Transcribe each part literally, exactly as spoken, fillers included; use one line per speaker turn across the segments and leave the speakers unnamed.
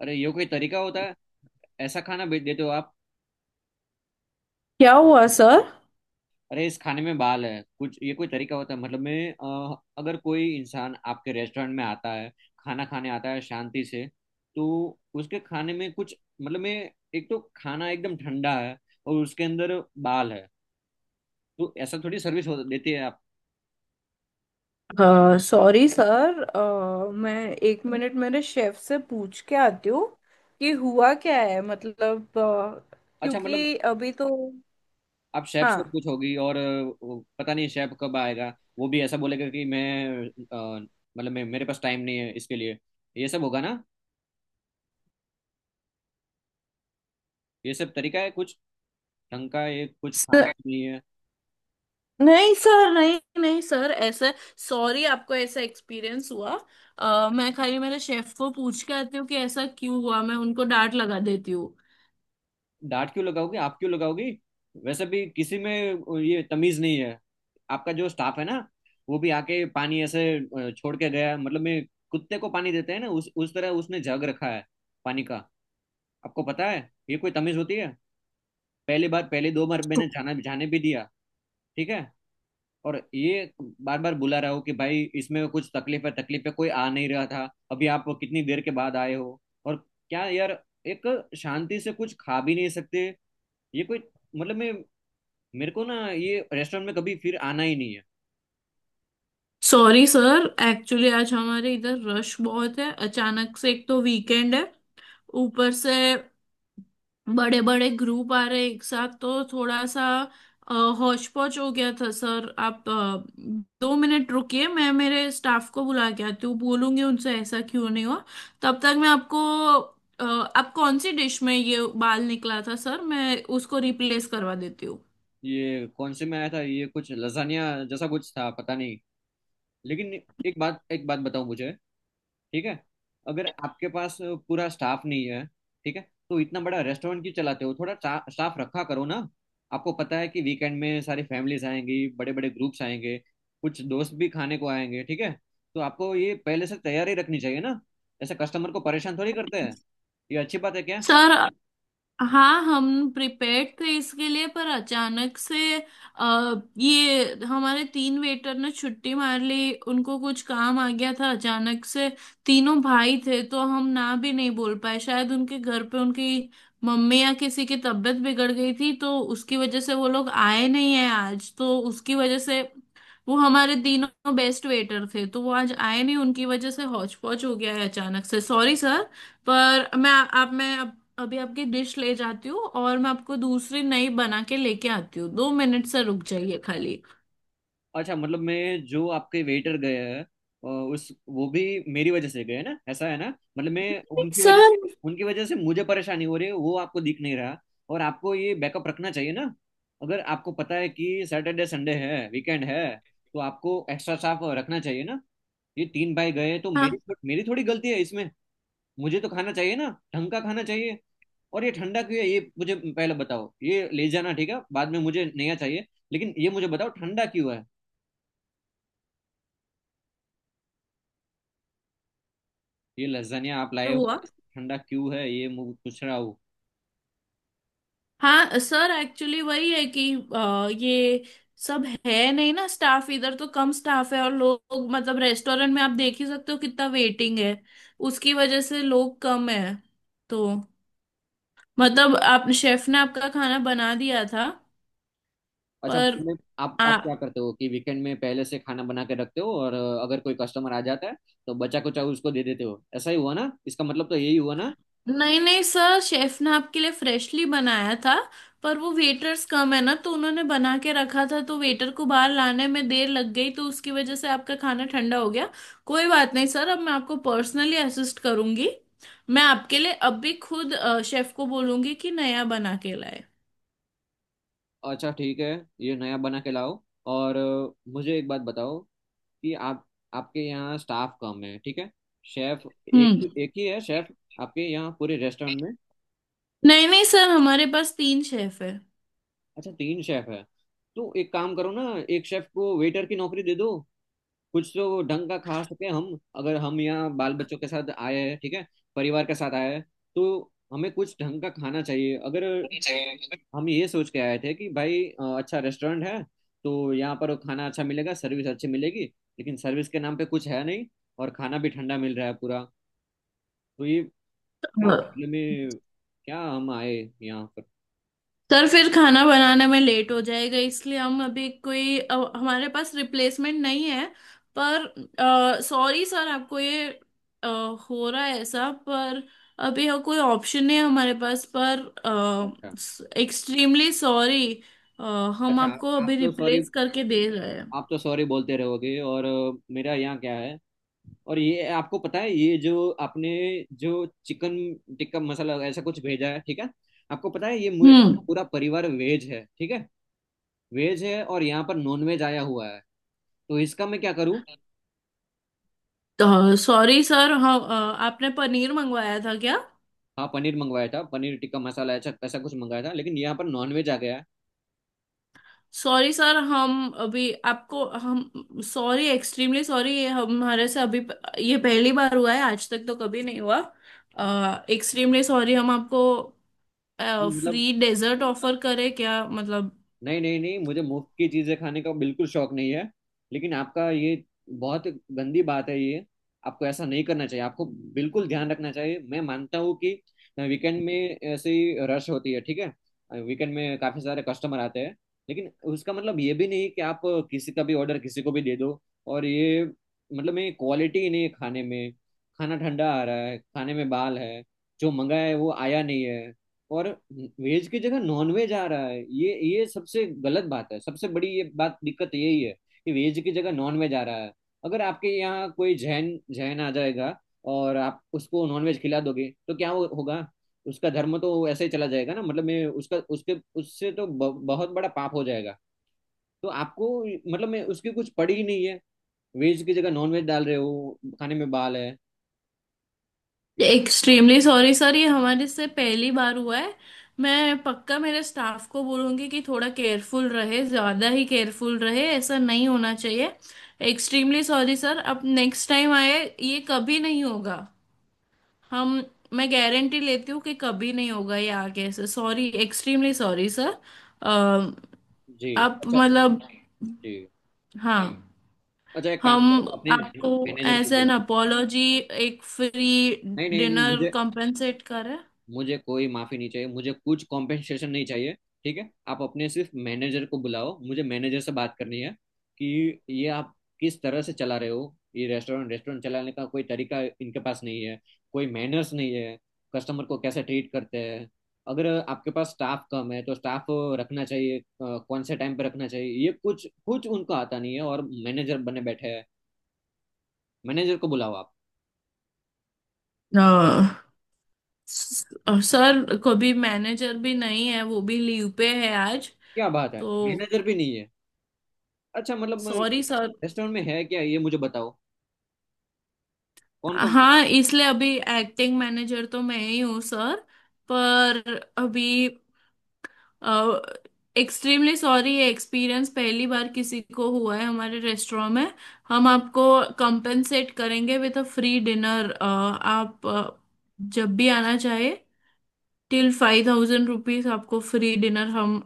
अरे ये कोई तरीका होता है! ऐसा खाना भेज देते हो आप।
क्या हुआ सर।
अरे इस खाने में बाल है कुछ, ये कोई तरीका होता है? मतलब मैं अ, अगर कोई इंसान आपके रेस्टोरेंट में आता है, खाना खाने आता है शांति से, तो उसके खाने में कुछ। मतलब मैं एक तो खाना एकदम ठंडा है, और उसके अंदर बाल है। तो ऐसा थोड़ी सर्विस हो देती है आप।
अ, सॉरी सर। अ, मैं एक मिनट मेरे शेफ से पूछ के आती हूँ कि हुआ क्या है। मतलब अ,
अच्छा मतलब
क्योंकि अभी तो
आप शेफ
हाँ
से पूछोगी, और अ, वो पता नहीं शेफ कब आएगा। वो भी ऐसा बोलेगा कि मैं अ, मतलब मैं मेरे पास टाइम नहीं है इसके लिए। ये सब होगा ना। ये सब तरीका है कुछ? ढंग का एक कुछ खाना
सर,
भी नहीं है।
नहीं सर नहीं नहीं सर ऐसा। सॉरी आपको ऐसा एक्सपीरियंस हुआ। अ, मैं खाली मेरे शेफ को पूछ के आती हूँ कि ऐसा क्यों हुआ। मैं उनको डांट लगा देती हूँ।
डांट क्यों लगाओगी आप, क्यों लगाओगी? वैसे भी किसी में ये तमीज नहीं है। आपका जो स्टाफ है ना, वो भी आके पानी ऐसे अ, छोड़ के गया। मतलब मैं कुत्ते को पानी देते हैं ना, उस उस तरह उसने जग रखा है पानी का। आपको पता है, ये कोई तमीज होती है? पहली बार, पहले दो बार मैंने जाना जाने भी दिया, ठीक है। और ये बार बार बुला रहा हूँ कि भाई इसमें कुछ तकलीफ है, तकलीफ है, कोई आ नहीं रहा था। अभी आप कितनी देर के बाद आए हो! और क्या यार, एक शांति से कुछ खा भी नहीं सकते। ये कोई! मतलब मैं मेरे को ना ये रेस्टोरेंट में कभी फिर आना ही नहीं है।
सॉरी सर, एक्चुअली आज हमारे इधर रश बहुत है अचानक से। एक तो वीकेंड है, ऊपर से बड़े बड़े ग्रुप आ रहे एक साथ, तो थोड़ा सा हौच पौच हो गया था सर। आप अ, दो मिनट रुकिए। मैं मेरे स्टाफ को बुला के आती हूँ, बोलूंगी उनसे ऐसा क्यों नहीं हुआ। तब तक मैं आपको अ, आप कौन सी डिश में ये बाल निकला था सर, मैं उसको रिप्लेस करवा देती हूँ।
ये कौन से में आया था, ये कुछ लजानिया जैसा कुछ था पता नहीं। लेकिन एक बात एक बात बताओ मुझे, ठीक है? अगर आपके पास पूरा स्टाफ नहीं है, ठीक है, तो इतना बड़ा रेस्टोरेंट क्यों चलाते हो? थोड़ा स्टाफ रखा करो ना। आपको पता है कि वीकेंड में सारी फैमिलीज आएंगी, बड़े बड़े ग्रुप्स आएंगे, कुछ दोस्त भी खाने को आएंगे, ठीक है? तो आपको ये पहले से तैयारी रखनी चाहिए ना। ऐसे कस्टमर को परेशान थोड़ी करते हैं। ये अच्छी बात है क्या?
सर हाँ, हम प्रिपेयर्ड थे इसके लिए, पर अचानक से आ, ये हमारे तीन वेटर ने छुट्टी मार ली। उनको कुछ काम आ गया था अचानक से। तीनों भाई थे तो हम ना भी नहीं बोल पाए, शायद उनके घर पे उनकी मम्मी या किसी की तबीयत बिगड़ गई थी, तो उसकी वजह से वो लोग आए नहीं है आज। तो उसकी वजह से, वो हमारे तीनों बेस्ट वेटर थे, तो वो आज आए नहीं। उनकी वजह से हौच पौच हो गया है अचानक से। Sorry sir. पर मैं आप मैं अभी आपकी डिश ले जाती हूँ, और मैं आपको दूसरी नई बना के लेके आती हूँ। दो मिनट से रुक जाइए खाली।
अच्छा मतलब मैं, जो आपके वेटर गए हैं अ, उस वो भी मेरी वजह से गए ना, ऐसा है ना? मतलब मैं उनकी वजह
सर
उनकी वजह से मुझे परेशानी हो रही है, वो आपको दिख नहीं रहा? और आपको ये बैकअप रखना चाहिए ना। अगर आपको पता है कि सैटरडे संडे है, वीकेंड है, तो आपको एक्स्ट्रा स्टाफ रखना चाहिए ना। ये तीन भाई गए तो मेरी
हाँ,
मेरी थोड़ी गलती है इसमें? मुझे तो खाना चाहिए ना, ढंग का खाना चाहिए। और ये ठंडा क्यों है, ये मुझे पहले बताओ। ये ले जाना, ठीक है, बाद में मुझे नया चाहिए। लेकिन ये मुझे बताओ, ठंडा क्यों है? ये लज्जानिया आप लाए हो,
हुआ।
ठंडा क्यों है ये मु- पूछ रहा हूँ।
हाँ सर, एक्चुअली वही है कि अ, ये सब है नहीं ना स्टाफ इधर। तो कम स्टाफ है, और लोग मतलब रेस्टोरेंट में आप देख ही सकते हो कितना वेटिंग है। उसकी वजह से लोग कम है तो मतलब आप शेफ ने आपका खाना बना दिया था,
अच्छा
पर
मतलब आप आप क्या
आ,
करते हो कि वीकेंड में पहले से खाना बना के रखते हो, और अ, अगर कोई कस्टमर आ जाता है तो बचा कुचा उसको दे देते हो, ऐसा ही हुआ ना? इसका मतलब तो यही हुआ ना।
नहीं नहीं सर, शेफ ने आपके लिए फ्रेशली बनाया था। पर वो वेटर्स कम है ना, तो उन्होंने बना के रखा था, तो वेटर को बाहर लाने में देर लग गई, तो उसकी वजह से आपका खाना ठंडा हो गया। कोई बात नहीं सर, अब मैं आपको पर्सनली असिस्ट करूंगी। मैं आपके लिए अब भी खुद शेफ को बोलूंगी कि नया बना के लाए।
अच्छा ठीक है, ये नया बना के लाओ। और अ, मुझे एक बात बताओ कि आप, आपके यहाँ स्टाफ कम है, ठीक है, शेफ
हम्म।
एक एक ही है शेफ आपके यहाँ पूरे रेस्टोरेंट में?
नहीं नहीं सर, हमारे पास तीन शेफ
अच्छा तीन शेफ है। तो एक काम करो ना, एक शेफ को वेटर की नौकरी दे दो। कुछ तो ढंग का खा सके हम। अगर हम यहाँ बाल बच्चों के साथ आए हैं, ठीक है, परिवार के साथ आए हैं, तो हमें कुछ ढंग का खाना चाहिए। अगर हम ये सोच के आए थे कि भाई अ, अच्छा रेस्टोरेंट है, तो यहाँ पर खाना अच्छा मिलेगा, सर्विस अच्छी मिलेगी। लेकिन सर्विस के नाम पे कुछ है नहीं, और खाना भी ठंडा मिल रहा है पूरा। तो ये क्या
है।
मतलब में क्या हम आए यहाँ पर?
सर फिर खाना बनाने में लेट हो जाएगा, इसलिए हम अभी कोई अ, हमारे पास रिप्लेसमेंट नहीं है। पर सॉरी सर, आपको ये अ, हो रहा है ऐसा। पर अभी यहाँ कोई ऑप्शन नहीं है हमारे पास, पर
अच्छा।
Extremely sorry. हम
अच्छा
आपको
आप आप
अभी
तो सॉरी,
रिप्लेस करके दे रहे हैं।
आप तो सॉरी बोलते रहोगे, और अ, मेरा यहाँ क्या है? और ये आपको पता है, ये जो आपने जो चिकन टिक्का मसाला ऐसा कुछ भेजा है, ठीक है, आपको पता है ये मु-
हम्म।
पूरा परिवार वेज है, ठीक है? वेज है, और यहाँ पर नॉन वेज आया हुआ है, तो इसका मैं क्या करूँ?
तो सॉरी सर, हम अ, आपने पनीर मंगवाया था क्या?
हाँ, पनीर मंगवाया था, पनीर टिक्का मसाला ऐसा ऐसा कुछ मंगाया था, लेकिन यहाँ पर नॉन वेज आ गया है।
सॉरी सर, हम अभी आपको हम सॉरी एक्सट्रीमली सॉरी, ये हमारे से अभी ये पहली बार हुआ है। आज तक तो कभी नहीं हुआ। Extremely sorry. हम आपको
मतलब,
फ्री डेजर्ट ऑफर करें क्या, मतलब?
नहीं नहीं नहीं मुझे मुफ्त की चीजें खाने का बिल्कुल शौक नहीं है। लेकिन आपका ये बहुत गंदी बात है ये। आपको ऐसा नहीं करना चाहिए, आपको बिल्कुल ध्यान रखना चाहिए। मैं मानता हूँ कि वीकेंड में ऐसे ही रश होती है, ठीक है, वीकेंड में काफी सारे कस्टमर आते हैं। लेकिन उसका मतलब ये भी नहीं कि आप किसी का भी ऑर्डर किसी को भी दे दो। और ये मतलब में क्वालिटी ही नहीं है खाने में। खाना ठंडा आ रहा है, खाने में बाल है, जो मंगाया है वो आया नहीं है, और वेज की जगह नॉन वेज आ रहा है। ये ये सबसे गलत बात है, सबसे बड़ी ये बात, दिक्कत यही है कि वेज की जगह नॉन वेज आ रहा है। अगर आपके यहाँ कोई जैन जैन आ जाएगा और आप उसको नॉन वेज खिला दोगे, तो क्या हो, होगा? उसका धर्म तो ऐसे ही चला जाएगा ना। मतलब मैं उसका उसके उससे तो ब, बहुत बड़ा पाप हो जाएगा। तो आपको मतलब मैं उसकी कुछ पड़ी ही नहीं है। वेज की जगह नॉन वेज डाल रहे हो, खाने में बाल है।
एक्सट्रीमली सॉरी सर, ये हमारे से पहली बार हुआ है। मैं पक्का मेरे स्टाफ को बोलूंगी कि थोड़ा केयरफुल रहे, ज़्यादा ही केयरफुल रहे, ऐसा नहीं होना चाहिए। Extremely sorry sir. अब नेक्स्ट टाइम आए ये कभी नहीं होगा। हम मैं गारंटी लेती हूँ कि कभी नहीं होगा ये आगे से। Sorry extremely sorry sir.
Ji.
आप
अच्छा।
मतलब
जी।
हाँ,
अच्छा एक काम
हम
करो, अपने
आपको
मैनेजर को
एज एन
बुलाओ।
अपोलॉजी एक फ्री
नहीं नहीं नहीं
डिनर
मुझे
कंपेंसेट करें।
मुझे कोई माफी नहीं चाहिए, मुझे कुछ कॉम्पेंसेशन नहीं चाहिए। ठीक है, आप अपने सिर्फ मैनेजर को बुलाओ, मुझे मैनेजर से बात करनी है कि ये आप किस तरह से चला रहे हो। ये रेस्टोरेंट रेस्टोरेंट चलाने का कोई तरीका इनके पास नहीं है, कोई मैनर्स नहीं है। कस्टमर को कैसे ट्रीट करते हैं? अगर आपके पास स्टाफ कम है, तो स्टाफ रखना चाहिए, अ, कौन से टाइम पे रखना चाहिए, ये कुछ कुछ उनको आता नहीं है, और मैनेजर बने बैठे हैं। मैनेजर को बुलाओ आप।
अ, स- सर कभी मैनेजर भी नहीं है, वो भी लीव पे है आज,
क्या बात है,
तो
मैनेजर भी नहीं है! अच्छा मतलब
सॉरी सर।
रेस्टोरेंट में है क्या, ये मुझे बताओ। कौन कौन है?
हाँ, इसलिए अभी एक्टिंग मैनेजर तो मैं ही हूँ सर। पर अभी एक्सट्रीमली सॉरी, ये एक्सपीरियंस पहली बार किसी को हुआ है हमारे रेस्टोरेंट में। हम आपको कंपेंसेट करेंगे विद अ फ्री डिनर। आप अ, जब भी आना चाहे, टिल फाइव थाउजेंड रुपीज आपको फ्री डिनर हम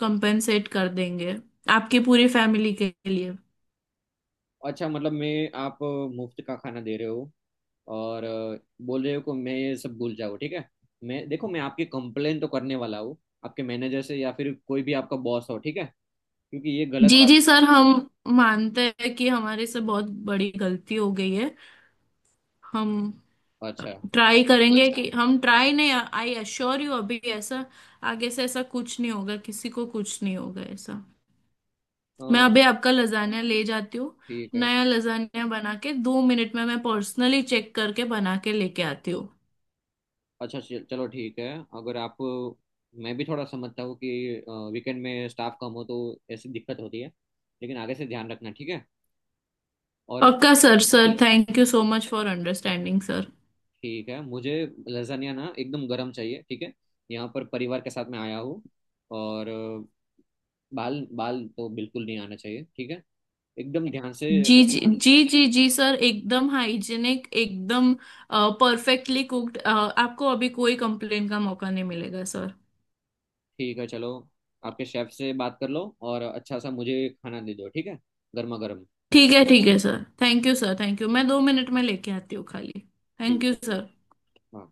कंपेंसेट कर देंगे, आपकी पूरी फैमिली के लिए।
अच्छा मतलब मैं, आप मुफ्त का खाना दे रहे हो, और अ, बोल रहे हो कि मैं ये सब भूल जाऊँ, ठीक है? मैं देखो, मैं आपकी कंप्लेन तो करने वाला हूँ आपके मैनेजर से, या फिर कोई भी आपका बॉस हो, ठीक है, क्योंकि ये गलत
जी
बात
जी सर, हम मानते हैं कि हमारे से बहुत बड़ी गलती हो गई है। हम
है। अच्छा।
ट्राई करेंगे कि हम ट्राई नहीं, आई अश्योर यू अभी ऐसा, आगे से ऐसा कुछ नहीं होगा। किसी को कुछ नहीं होगा ऐसा।
अ,
मैं अभी आपका लजानिया ले जाती हूँ।
ठीक है।
नया लजानिया बना के दो मिनट में मैं पर्सनली चेक करके बना के लेके आती हूँ।
अच्छा चल- चलो ठीक है, अगर आप, मैं भी थोड़ा समझता हूँ कि वीकेंड में स्टाफ कम हो तो ऐसी दिक्कत होती है। लेकिन आगे से ध्यान रखना, ठीक है? और
पक्का sir, sir thank you so much for understanding sir.
ठीक है, मुझे लजानिया ना एकदम गरम चाहिए, ठीक है। यहाँ पर परिवार के साथ में आया हूँ, और अ, बाल बाल तो बिल्कुल नहीं आना चाहिए, ठीक है, एकदम ध्यान से।
जी जी जी जी जी सर, एकदम हाइजीनिक, एकदम परफेक्टली कुक्ड। आपको अभी कोई कंप्लेन का मौका नहीं मिलेगा सर।
ठीक है चलो, आपके शेफ से बात कर लो, और अच्छा सा मुझे खाना दे दो, ठीक है, गर्मा गर्म।
ठीक है ठीक है sir, thank you sir, thank you. मैं दो मिनट में लेके आती हूँ खाली। थैंक
ठीक
यू
है चलो।
सर।
हाँ।